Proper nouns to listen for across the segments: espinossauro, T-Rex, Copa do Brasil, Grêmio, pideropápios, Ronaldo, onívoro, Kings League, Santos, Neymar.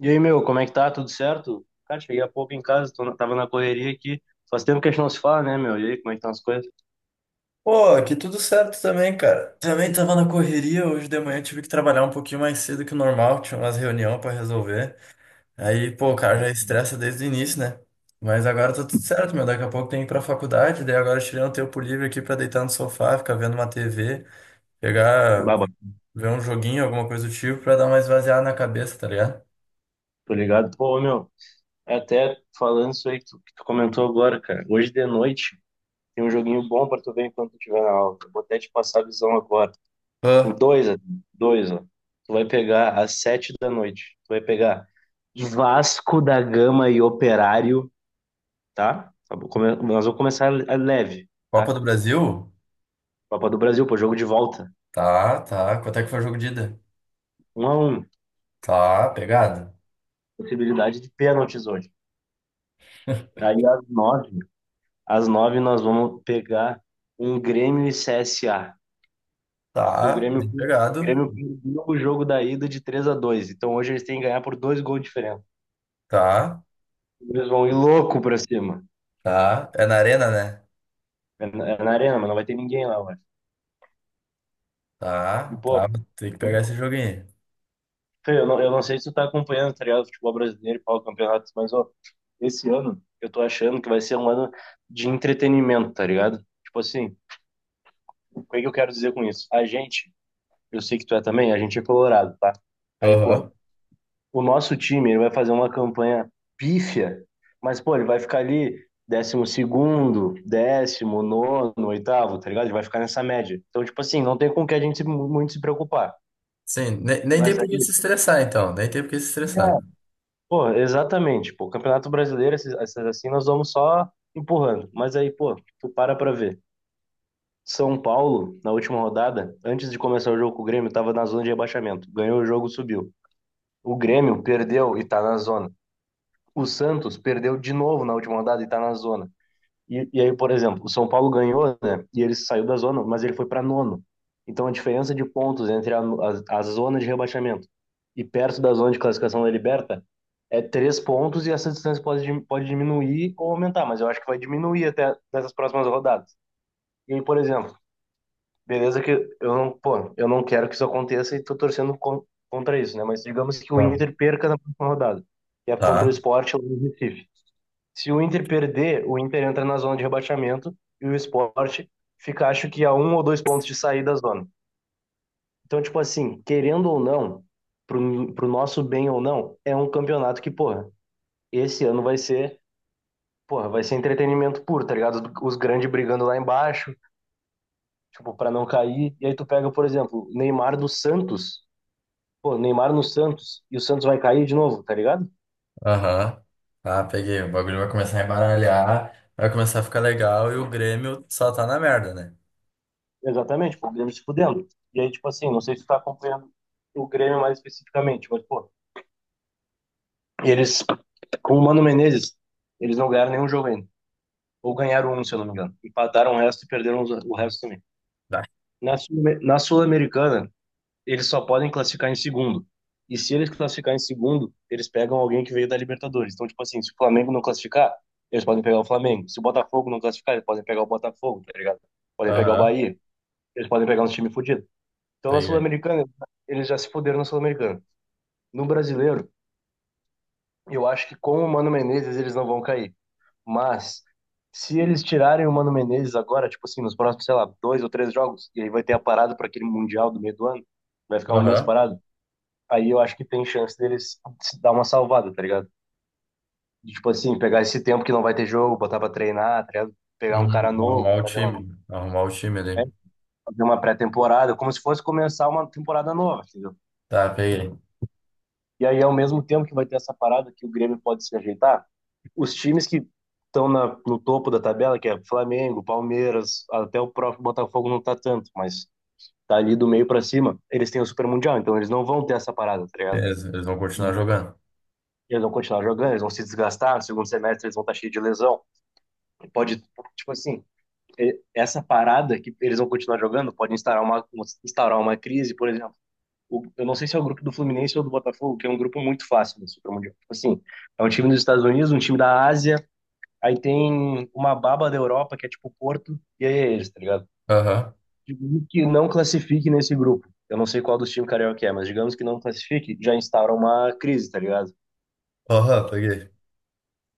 E aí, meu, como é que tá? Tudo certo? Cara, cheguei há pouco em casa, tava na correria aqui. Faz tempo que a gente não se fala, né, meu? E aí, como é que estão as coisas? Pô, aqui tudo certo também, cara. Também tava na correria hoje de manhã, tive que trabalhar um pouquinho mais cedo que o normal, tinha umas reunião pra resolver. Aí, pô, o cara já estressa desde o início, né? Mas agora tá tudo certo, meu. Daqui a pouco tem que ir pra faculdade, daí agora eu tirei um tempo livre aqui pra deitar no sofá, ficar vendo uma TV, pegar, Baba, ver um joguinho, alguma coisa do tipo, pra dar uma esvaziada na cabeça, tá ligado? tô ligado. Pô, meu, é até falando isso aí que tu comentou agora, cara. Hoje de noite tem um joguinho bom pra tu ver enquanto tu estiver na aula. Eu vou até te passar a visão agora. Em Pô, dois, ó, dois, ó. Tu vai pegar às sete da noite. Tu vai pegar Vasco da Gama e Operário, tá? Tá bom, nós vamos começar a leve, tá? Copa do Brasil? Copa do Brasil, pô, jogo de volta. Tá, tá. Quanto é que foi o jogo de ida? Um a um. Tá, pegado. Possibilidade de pênaltis hoje. Aí às nove nós vamos pegar um Grêmio e CSA, que Tá, bem o pegado. Grêmio perdeu o jogo da ida de 3 a 2. Então hoje eles têm que ganhar por dois gols de diferença. Tá. Eles vão ir louco pra cima, Tá, é na arena, né? é na arena, mas não vai ter ninguém lá, mano. E Tá, pô, tá, tem que eu, pegar esse joguinho. Fê, eu não sei se tu tá acompanhando, tá ligado, o futebol brasileiro e pau, campeonatos, mas ó, esse ano eu tô achando que vai ser um ano de entretenimento, tá ligado? Tipo assim, o que é que eu quero dizer com isso? A gente Eu sei que tu é também, a gente é colorado, tá? Aí, pô, Aham. o nosso time, ele vai fazer uma campanha pífia, mas, pô, ele vai ficar ali décimo segundo, décimo, nono, oitavo, tá ligado? Ele vai ficar nessa média. Então, tipo assim, não tem com o que a gente se- muito se preocupar. Sim, nem, tem Mas por que aí, se estressar, então. Nem tem por que se estressar. pô, exatamente, pô, Campeonato Brasileiro, essas assim, nós vamos só empurrando. Mas aí, pô, tu para pra ver. São Paulo, na última rodada, antes de começar o jogo com o Grêmio, tava na zona de rebaixamento. Ganhou o jogo, subiu. O Grêmio perdeu e tá na zona. O Santos perdeu de novo na última rodada e tá na zona. E aí, por exemplo, o São Paulo ganhou, né? E ele saiu da zona, mas ele foi para nono. Então a diferença de pontos entre a zona de rebaixamento e perto da zona de classificação da Liberta é três pontos e essa distância pode diminuir ou aumentar, mas eu acho que vai diminuir até nessas próximas rodadas. E aí, por exemplo, beleza que eu não, pô, eu não quero que isso aconteça e tô torcendo contra isso, né? Mas digamos que o Tá. Inter perca na próxima rodada, que é contra o Tá, Sport ou o Recife. Se o Inter perder, o Inter entra na zona de rebaixamento e o Sport fica, acho que, a um ou dois pontos de sair da zona. Então, tipo assim, querendo ou não, pro nosso bem ou não, é um campeonato que, porra, esse ano vai ser, porra, vai ser entretenimento puro, tá ligado? Os grandes brigando lá embaixo, tipo, pra não cair. E aí tu pega, por exemplo, Neymar do Santos, pô, Neymar no Santos, e o Santos vai cair de novo, tá ligado? aham. Tá, peguei. O bagulho vai começar a embaralhar, vai começar a ficar legal e o Grêmio só tá na merda, né? Exatamente, pô, o Grêmio se fudendo. E aí, tipo assim, não sei se tu tá acompanhando o Grêmio mais especificamente, mas, pô, E eles, com o Mano Menezes, eles não ganharam nenhum jogo ainda. Ou ganharam um, se eu não me engano. Empataram o resto e perderam o resto também. Tá. Na Sul-Americana, eles só podem classificar em segundo. E se eles classificar em segundo, eles pegam alguém que veio da Libertadores. Então, tipo assim, se o Flamengo não classificar, eles podem pegar o Flamengo. Se o Botafogo não classificar, eles podem pegar o Botafogo, tá ligado? Podem pegar o Aham, Bahia. Eles podem pegar uns times fodidos. Então, na peguei. Sul-Americana, eles já se fuderam na Sul-Americana. No brasileiro, eu acho que com o Mano Menezes, eles não vão cair. Mas se eles tirarem o Mano Menezes agora, tipo assim, nos próximos, sei lá, dois ou três jogos, e aí vai ter a parada para aquele Mundial do meio do ano, vai ficar um mês Aham. parado, aí eu acho que tem chance deles se dar uma salvada, tá ligado? De, tipo assim, pegar esse tempo que não vai ter jogo, botar pra treinar, tá ligado? Pegar um cara Uhum, novo, arrumar o time. Arrumar o time é, ali. fazer uma pré-temporada, como se fosse começar uma temporada nova, entendeu? Tá, peguei. E aí, ao mesmo tempo que vai ter essa parada que o Grêmio pode se ajeitar, os times que no topo da tabela, que é Flamengo, Palmeiras, até o próprio Botafogo não tá tanto, mas tá ali do meio pra cima, eles têm o Super Mundial, então eles não vão ter essa parada, tá ligado? Beleza, eles vão continuar jogando. Eles vão continuar jogando, eles vão se desgastar, no segundo semestre eles vão estar cheios de lesão. Pode, tipo assim, essa parada que eles vão continuar jogando pode instaurar uma crise, por exemplo. Eu não sei se é o grupo do Fluminense ou do Botafogo, que é um grupo muito fácil do Supermundial. Tipo assim, é um time dos Estados Unidos, um time da Ásia, aí tem uma baba da Europa, que é tipo Porto, e aí é eles, tá ligado? Aham. Digamos que não classifique nesse grupo. Eu não sei qual dos times carioca é, mas digamos que não classifique, já instaura uma crise, tá ligado? Aham, peguei.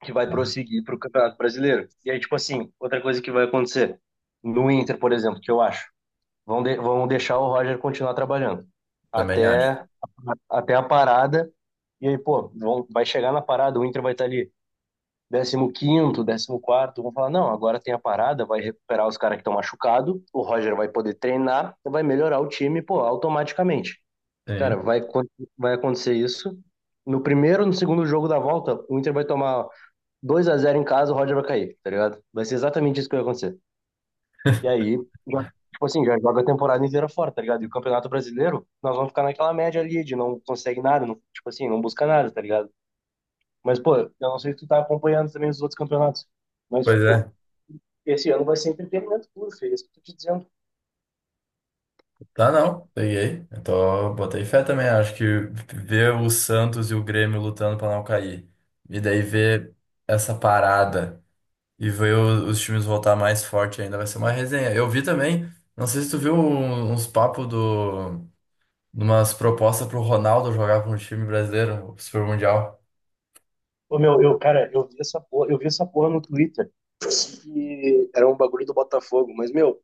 Que vai prosseguir pro Campeonato Brasileiro. E aí, tipo assim, outra coisa que vai acontecer. No Inter, por exemplo, que eu acho, vão deixar o Roger continuar trabalhando Também acho. até até a parada. E aí, pô, vão, vai chegar na parada, o Inter vai estar ali décimo quinto décimo quarto vão falar, não, agora tem a parada, vai recuperar os caras que estão machucados, o Roger vai poder treinar, vai melhorar o time, pô, automaticamente. Cara, Sim. Vai acontecer isso. No segundo jogo da volta, o Inter vai tomar 2 a zero em casa, o Roger vai cair, tá ligado? Vai ser exatamente isso que vai acontecer. E aí, já- tipo assim, já joga a temporada inteira fora, tá ligado? E o Campeonato Brasileiro, nós vamos ficar naquela média ali de não consegue nada, não, tipo assim, não busca nada, tá ligado? Mas, pô, eu não sei se tu tá acompanhando também os outros campeonatos, mas, Pois tipo, é. esse ano vai ser entretenimento puro, filho, é isso que eu tô te dizendo. Tá, não. Peguei. Eu tô, botei fé também. Acho que ver o Santos e o Grêmio lutando pra não cair. E daí ver essa parada e ver os times voltar mais forte ainda vai ser uma resenha. Eu vi também, não sei se tu viu uns papos do, de umas propostas pro Ronaldo jogar pra um time brasileiro, o Super Mundial. Ô, meu, eu, cara, eu vi essa porra no Twitter, que era um bagulho do Botafogo, mas, meu,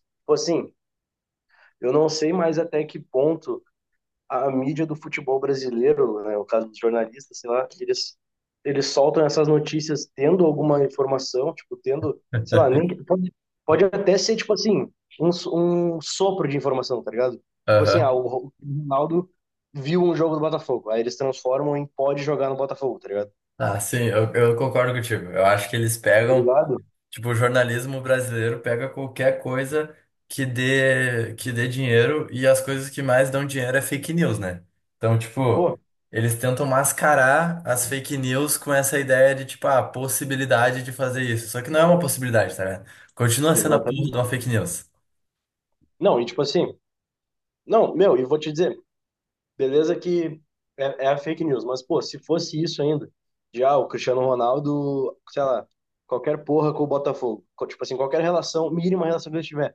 tipo assim, eu não sei mais até que ponto a mídia do futebol brasileiro, né, o caso dos jornalistas, sei lá, eles soltam essas notícias tendo alguma informação, tipo, tendo, sei lá, nem pode, pode até ser tipo assim, um, um sopro de informação, tá ligado? Tipo assim, ah, Aham. o Ronaldo viu um jogo do Botafogo, aí eles transformam em pode jogar no Botafogo, tá ligado? Ah, sim, eu concordo contigo. Eu acho que eles Tá pegam. ligado? Tipo, o jornalismo brasileiro pega qualquer coisa que dê dinheiro e as coisas que mais dão dinheiro é fake news, né? Então, tipo, Pô, eles tentam mascarar as fake news com essa ideia de, tipo, a possibilidade de fazer isso. Só que não é uma possibilidade, tá ligado? Continua sendo a porra de uma exatamente. fake news. Não, e tipo assim, não, meu, e vou te dizer, beleza que é a fake news, mas, pô, se fosse isso ainda, já o Cristiano Ronaldo, sei lá, qualquer porra com o Botafogo, tipo assim, qualquer relação, mínima relação que ele tiver,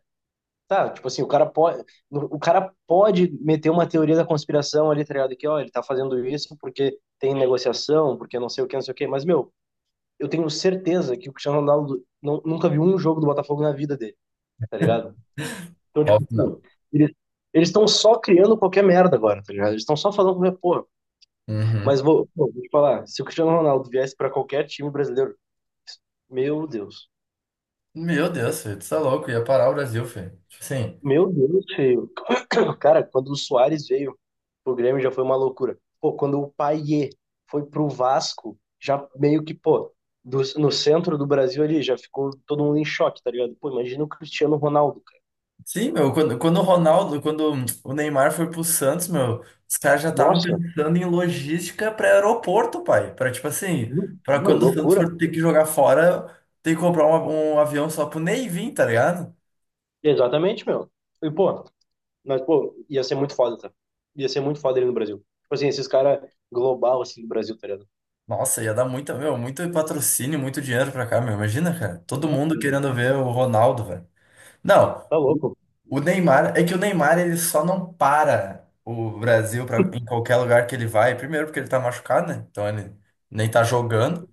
tá, tipo assim, o cara pode meter uma teoria da conspiração ali, tá ligado, que, ó, ele tá fazendo isso porque tem negociação, porque não sei o que, não sei o que, mas, meu, eu tenho certeza que o Cristiano Ronaldo não, nunca viu um jogo do Botafogo na vida dele, tá ligado? Então, tipo, Óbvio, que pô, não. ele eles estão só criando qualquer merda agora, tá ligado? Eles estão só falando qualquer porra. Uhum. Pô, vou te falar, se o Cristiano Ronaldo viesse pra qualquer time brasileiro, meu Deus. Meu Deus, filho, tu tá louco, ia parar o Brasil, filho. Tipo assim. Meu Deus, feio. Cara, quando o Suárez veio pro Grêmio já foi uma loucura. Pô, quando o Payet foi pro Vasco, já meio que, pô, no centro do Brasil ali, já ficou todo mundo em choque, tá ligado? Pô, imagina o Cristiano Ronaldo, cara. Sim, meu, quando o Ronaldo, quando o Neymar foi pro Santos, meu, os caras já estavam Nossa, pensando em logística para aeroporto, pai. Para tipo assim, meu, para meu, quando o Santos loucura. for ter que jogar fora, ter que comprar um avião só pro Ney vir, tá ligado? Exatamente, meu. E, pô, mas, pô, ia ser muito foda, tá? Ia ser muito foda ele no Brasil. Tipo assim, esses caras global, assim, do Brasil, tá ligado? Nossa, ia dar muita, meu, muito patrocínio, muito dinheiro pra cá, meu. Imagina, cara, todo Nossa, mundo amiga, querendo ver o Ronaldo, velho. Não, tá louco. o Neymar, é que o Neymar ele só não para o Brasil pra, em qualquer lugar que ele vai. Primeiro porque ele tá machucado, né? Então ele nem tá jogando.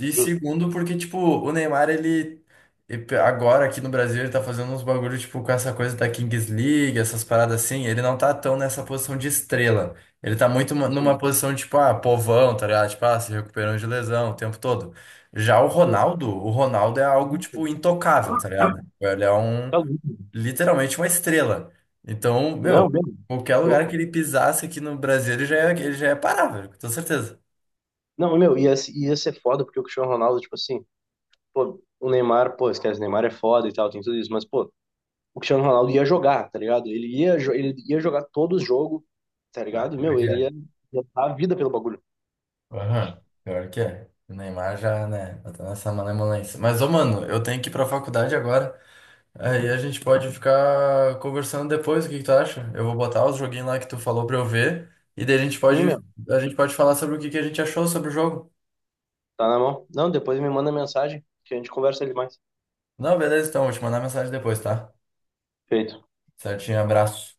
E Justo. segundo, porque, tipo, o Neymar, ele. Agora aqui no Brasil, ele tá fazendo uns bagulhos, tipo, com essa coisa da Kings League, essas paradas assim. Ele não tá tão nessa posição de estrela. Ele tá muito numa Sim. posição, tipo, ah, povão, tá ligado? Tipo, ah, se recuperando de lesão o tempo todo. Já o Ronaldo é algo, Nossa, tipo, intocável, tá ligado? Ele é um. tá louco. Literalmente uma estrela. Então, Não, meu, mesmo. qualquer lugar Louco. que ele pisasse aqui no Brasil, ele já é parável, com toda certeza. Não, meu, ia ser foda porque o Cristiano Ronaldo, tipo assim, pô, o Neymar, pô, esquece, o Neymar é foda e tal, tem tudo isso, mas, pô, o Cristiano Ronaldo ia jogar, tá ligado? Ele ia jogar todo o jogo, tá Ah, ligado? pior Meu, que é. ia dar a vida pelo bagulho. Aham, pior que é. O Neymar já, né? Tá nessa malemolência. Mas, ô, mano, eu tenho que ir pra faculdade agora. Aí a gente pode ficar conversando depois, o que que tu acha? Eu vou botar os joguinhos lá que tu falou pra eu ver. E daí Sim, meu, a gente pode falar sobre o que que a gente achou sobre o jogo. tá na mão. Não, depois me manda mensagem que a gente conversa ele mais. Não, beleza, então, vou te mandar mensagem depois, tá? Feito. Certinho, abraço.